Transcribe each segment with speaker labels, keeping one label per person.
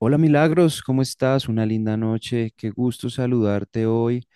Speaker 1: Hola Milagros, ¿cómo estás? Una linda noche, qué gusto saludarte hoy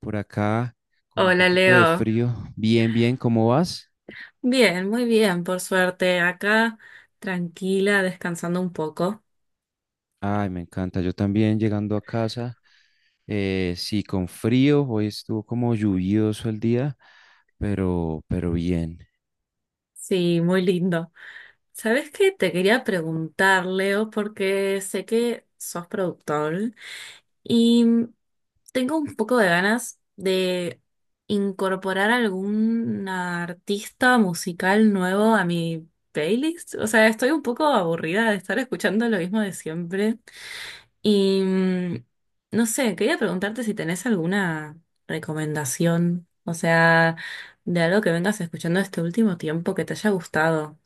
Speaker 1: por acá con un
Speaker 2: Hola
Speaker 1: poquito de
Speaker 2: Leo.
Speaker 1: frío. Bien, bien, ¿cómo vas?
Speaker 2: Bien, muy bien, por suerte. Acá tranquila, descansando un poco.
Speaker 1: Ay, me encanta, yo también llegando a casa, sí, con frío, hoy estuvo como lluvioso el día, pero bien.
Speaker 2: Sí, muy lindo. ¿Sabes qué? Te quería preguntar, Leo, porque sé que sos productor y tengo un poco de ganas de incorporar algún artista musical nuevo a mi playlist. O sea, estoy un poco aburrida de estar escuchando lo mismo de siempre. Y no sé, quería preguntarte si tenés alguna recomendación, o sea, de algo que vengas escuchando este último tiempo que te haya gustado.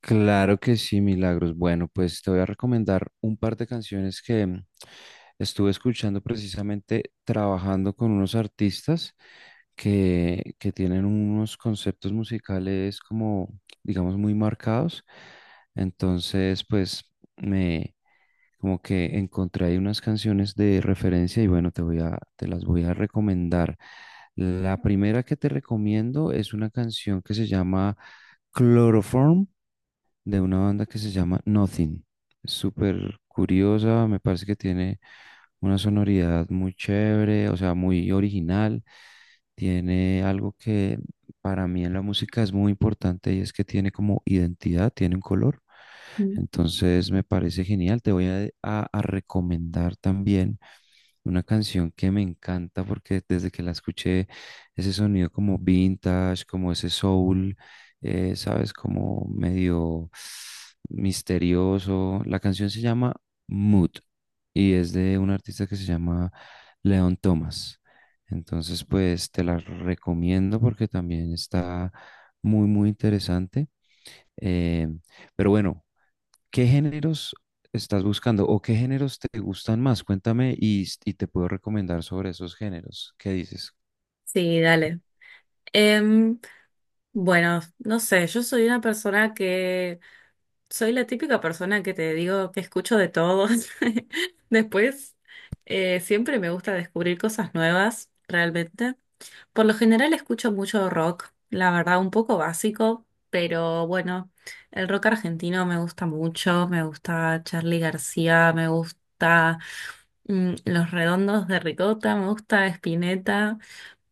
Speaker 1: Claro que sí, Milagros. Bueno, pues te voy a recomendar un par de canciones que estuve escuchando precisamente trabajando con unos artistas que tienen unos conceptos musicales como, digamos, muy marcados. Entonces, pues me como que encontré ahí unas canciones de referencia y bueno, te las voy a recomendar. La primera que te recomiendo es una canción que se llama Chloroform, de una banda que se llama Nothing. Es súper curiosa, me parece que tiene una sonoridad muy chévere, o sea, muy original. Tiene algo que para mí en la música es muy importante, y es que tiene como identidad, tiene un color.
Speaker 2: Mm.
Speaker 1: Entonces me parece genial. Te voy a recomendar también una canción que me encanta porque desde que la escuché, ese sonido como vintage, como ese soul, sabes, como medio misterioso. La canción se llama Mood y es de un artista que se llama Leon Thomas. Entonces, pues te la recomiendo porque también está muy interesante. Eh, pero bueno. ¿Qué géneros estás buscando o qué géneros te gustan más? Cuéntame y te puedo recomendar sobre esos géneros. ¿Qué dices?
Speaker 2: Sí, dale. Em, bueno, no sé, yo soy una persona soy la típica persona que te digo que escucho de todos. Después, siempre me gusta descubrir cosas nuevas, realmente. Por lo general escucho mucho rock, la verdad, un poco básico, pero bueno, el rock argentino me gusta mucho, me gusta Charly García, me gusta Los Redondos de Ricota, me gusta Spinetta,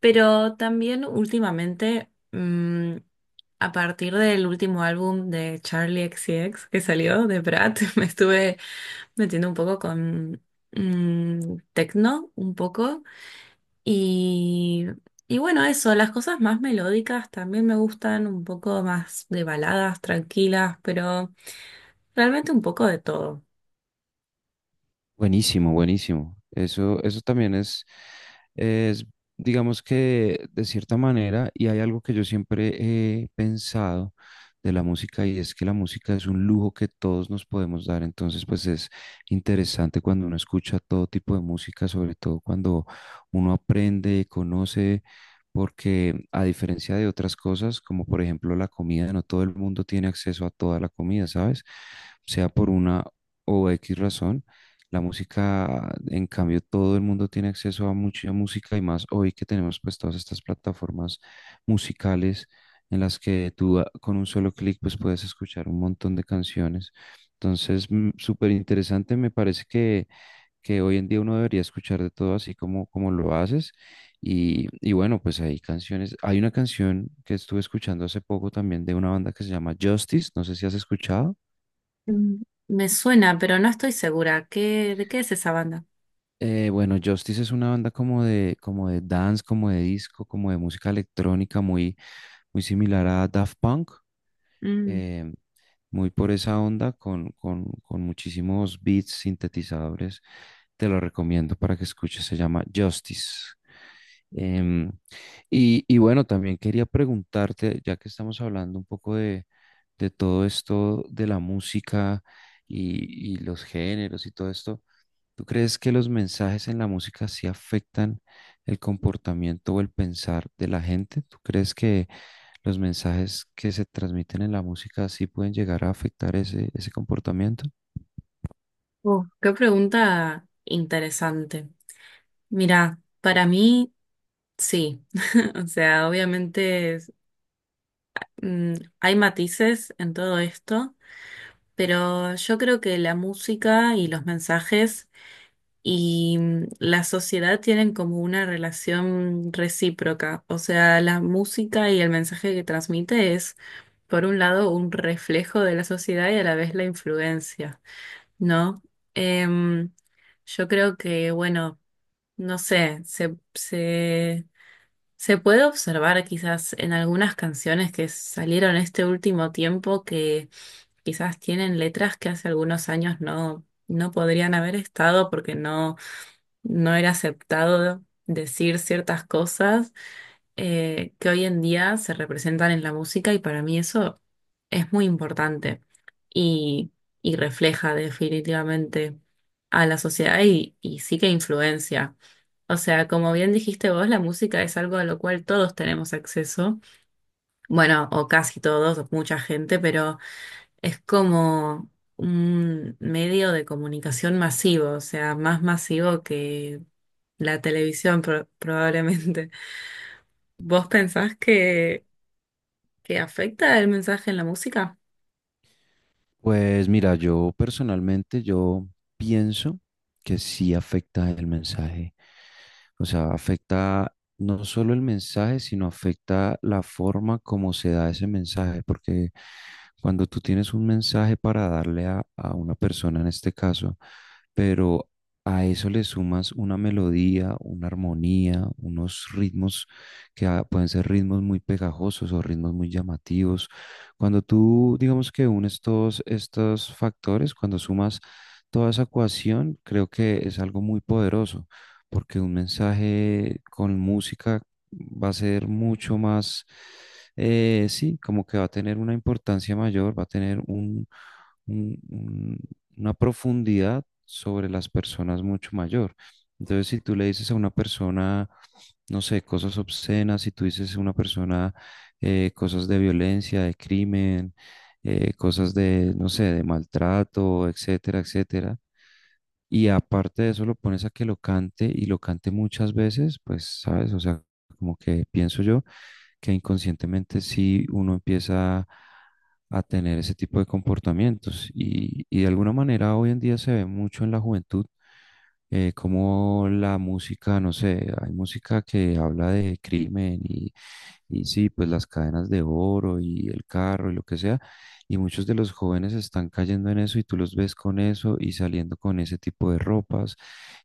Speaker 2: pero también últimamente, a partir del último álbum de Charlie XCX que salió, de Brat, me estuve metiendo un poco con techno, un poco. Y, y bueno, eso, las cosas más melódicas también me gustan, un poco más de baladas, tranquilas, pero realmente un poco de todo.
Speaker 1: Buenísimo, buenísimo. Eso también es, digamos, que de cierta manera, y hay algo que yo siempre he pensado de la música, y es que la música es un lujo que todos nos podemos dar. Entonces, pues es interesante cuando uno escucha todo tipo de música, sobre todo cuando uno aprende, conoce, porque a diferencia de otras cosas, como por ejemplo la comida, no todo el mundo tiene acceso a toda la comida, ¿sabes? Sea por una o X razón. La música, en cambio, todo el mundo tiene acceso a mucha música, y más hoy que tenemos pues todas estas plataformas musicales en las que tú con un solo clic pues puedes escuchar un montón de canciones. Entonces, mm, súper interesante, me parece que hoy en día uno debería escuchar de todo, así como, como lo haces. Y bueno, pues hay canciones, hay una canción que estuve escuchando hace poco también de una banda que se llama Justice, no sé si has escuchado.
Speaker 2: Mm, me suena, pero no estoy segura. ¿Qué, de qué es esa banda?
Speaker 1: Bueno, Justice es una banda como de dance, como de disco, como de música electrónica, muy similar a Daft Punk,
Speaker 2: Mm,
Speaker 1: eh, muy por esa onda, con muchísimos beats, sintetizadores. Te lo recomiendo para que escuches, se llama Justice. Em, y bueno, también quería preguntarte, ya que estamos hablando un poco de todo esto de la música y los géneros y todo esto. ¿Tú crees que los mensajes en la música sí afectan el comportamiento o el pensar de la gente? ¿Tú crees que los mensajes que se transmiten en la música sí pueden llegar a afectar ese, ese comportamiento?
Speaker 2: ¡Qué pregunta interesante! Mira, para mí, sí. O sea, obviamente mm, hay matices en todo esto, pero yo creo que la música y los mensajes y la sociedad tienen como una relación recíproca. O sea, la música y el mensaje que transmite es, por un lado, un reflejo de la sociedad y a la vez la influencia, ¿no? Em, yo creo que, bueno, no sé, se puede observar quizás en algunas canciones que salieron este último tiempo que quizás tienen letras que hace algunos años no podrían haber estado porque no era aceptado decir ciertas cosas que hoy en día se representan en la música y para mí eso es muy importante y, y refleja definitivamente a la sociedad y sí que influencia. O sea, como bien dijiste vos, la música es algo a lo cual todos tenemos acceso, bueno, o casi todos, o mucha gente, pero... Es como un medio de comunicación masivo, o sea, más masivo que la probablemente. ¿Vos que afecta el mensaje en la música?
Speaker 1: Pues mira, yo personalmente yo pienso que sí afecta el mensaje. O sea, afecta no solo el mensaje, sino afecta la forma como se da ese mensaje, porque cuando tú tienes un mensaje para darle a una persona en este caso, pero a eso le sumas una melodía, una armonía, unos ritmos que pueden ser ritmos muy pegajosos o ritmos muy llamativos. Cuando tú, digamos, que unes todos estos factores, cuando sumas toda esa ecuación, creo que es algo muy poderoso, porque un mensaje con música va a ser mucho más, sí, como que va a tener una importancia mayor, va a tener un, una profundidad sobre las personas mucho mayor. Entonces, si tú le dices a una persona, no sé, cosas obscenas, si tú dices a una persona cosas de violencia, de crimen, cosas de, no sé, de maltrato, etcétera, etcétera. Y aparte de eso lo pones a que lo cante y lo cante muchas veces, pues, ¿sabes? O sea, como que pienso yo que inconscientemente sí uno empieza a tener ese tipo de comportamientos. Y de alguna manera hoy en día se ve mucho en la juventud, como la música, no sé, hay música que habla de crimen y sí, pues las cadenas de oro y el carro y lo que sea. Y muchos de los jóvenes están cayendo en eso, y tú los ves con eso y saliendo con ese tipo de ropas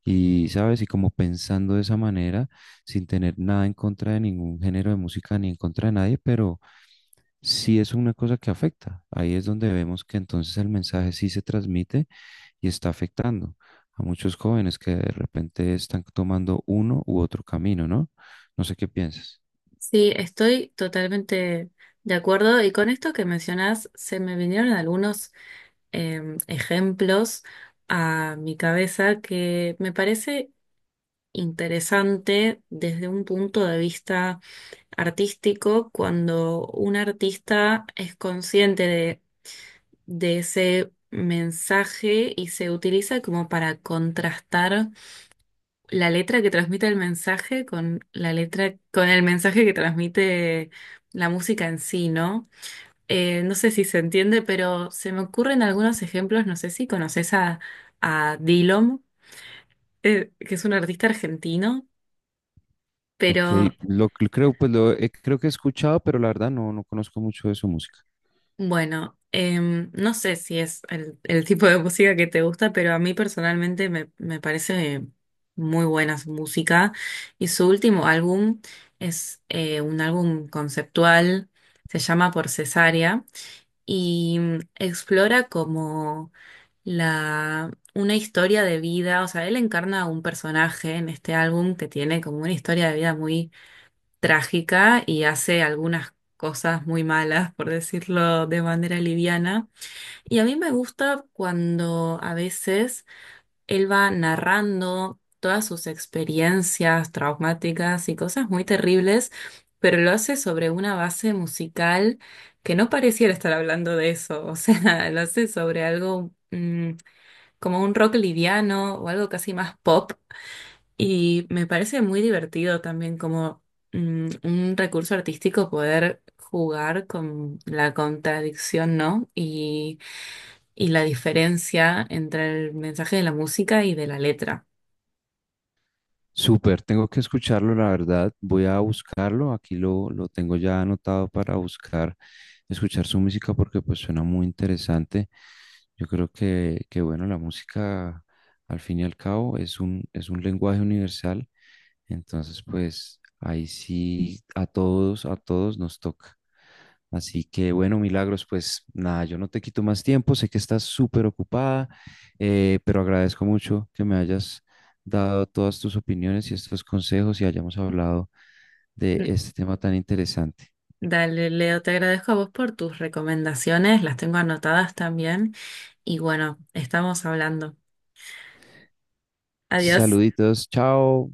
Speaker 1: y, ¿sabes? Y como pensando de esa manera, sin tener nada en contra de ningún género de música ni en contra de nadie, pero sí es una cosa que afecta. Ahí es donde vemos que entonces el mensaje sí se transmite y está afectando a muchos jóvenes que de repente están tomando uno u otro camino, ¿no? No sé qué piensas.
Speaker 2: Sí, estoy totalmente de acuerdo y con esto que mencionás se me vinieron algunos ejemplos a mi cabeza que me parece interesante desde un punto de vista artístico cuando un artista es consciente de ese mensaje y se utiliza como para contrastar la letra que transmite el mensaje con la letra, con el mensaje que transmite la música en sí, ¿no? No sé si se entiende, pero se me ocurren algunos ejemplos, no sé si conoces a Dilom, que es un artista argentino,
Speaker 1: Ok,
Speaker 2: pero
Speaker 1: lo, que creo, pues lo, he- creo que he escuchado, pero la verdad no, no conozco mucho de su música.
Speaker 2: bueno, no sé si es el tipo de música que te gusta, pero a mí personalmente me parece muy buena su música. Y su último álbum es un álbum conceptual, se llama Por Cesárea, y explora como una historia de vida, o sea, él encarna a un personaje en este álbum que tiene como una historia de vida trágica y hace algunas cosas muy malas, por decirlo de manera liviana. Y a mí me gusta cuando a veces él va narrando todas sus experiencias traumáticas y cosas muy terribles, pero lo hace sobre una base musical que no pareciera estar hablando de eso, o sea, lo hace sobre algo como un rock liviano o algo casi más pop y me parece muy divertido también como un recurso artístico poder jugar con la contradicción, ¿no? Y la diferencia entre el mensaje de la música y de la letra.
Speaker 1: Súper, tengo que escucharlo, la verdad. Voy a buscarlo. Aquí lo tengo ya anotado para buscar, escuchar su música porque pues suena muy interesante. Yo creo que bueno, la música al fin y al cabo es un lenguaje universal. Entonces, pues ahí sí a todos nos toca. Así que bueno, Milagros, pues nada, yo no te quito más tiempo, sé que estás súper ocupada, pero agradezco mucho que me hayas dado todas tus opiniones y estos consejos y hayamos hablado de
Speaker 2: Mm,
Speaker 1: este tema tan interesante.
Speaker 2: dale, Leo, te agradezco a vos por tus recomendaciones, las tengo anotadas también. Y bueno, estamos hablando. Adiós.
Speaker 1: Saluditos, chao.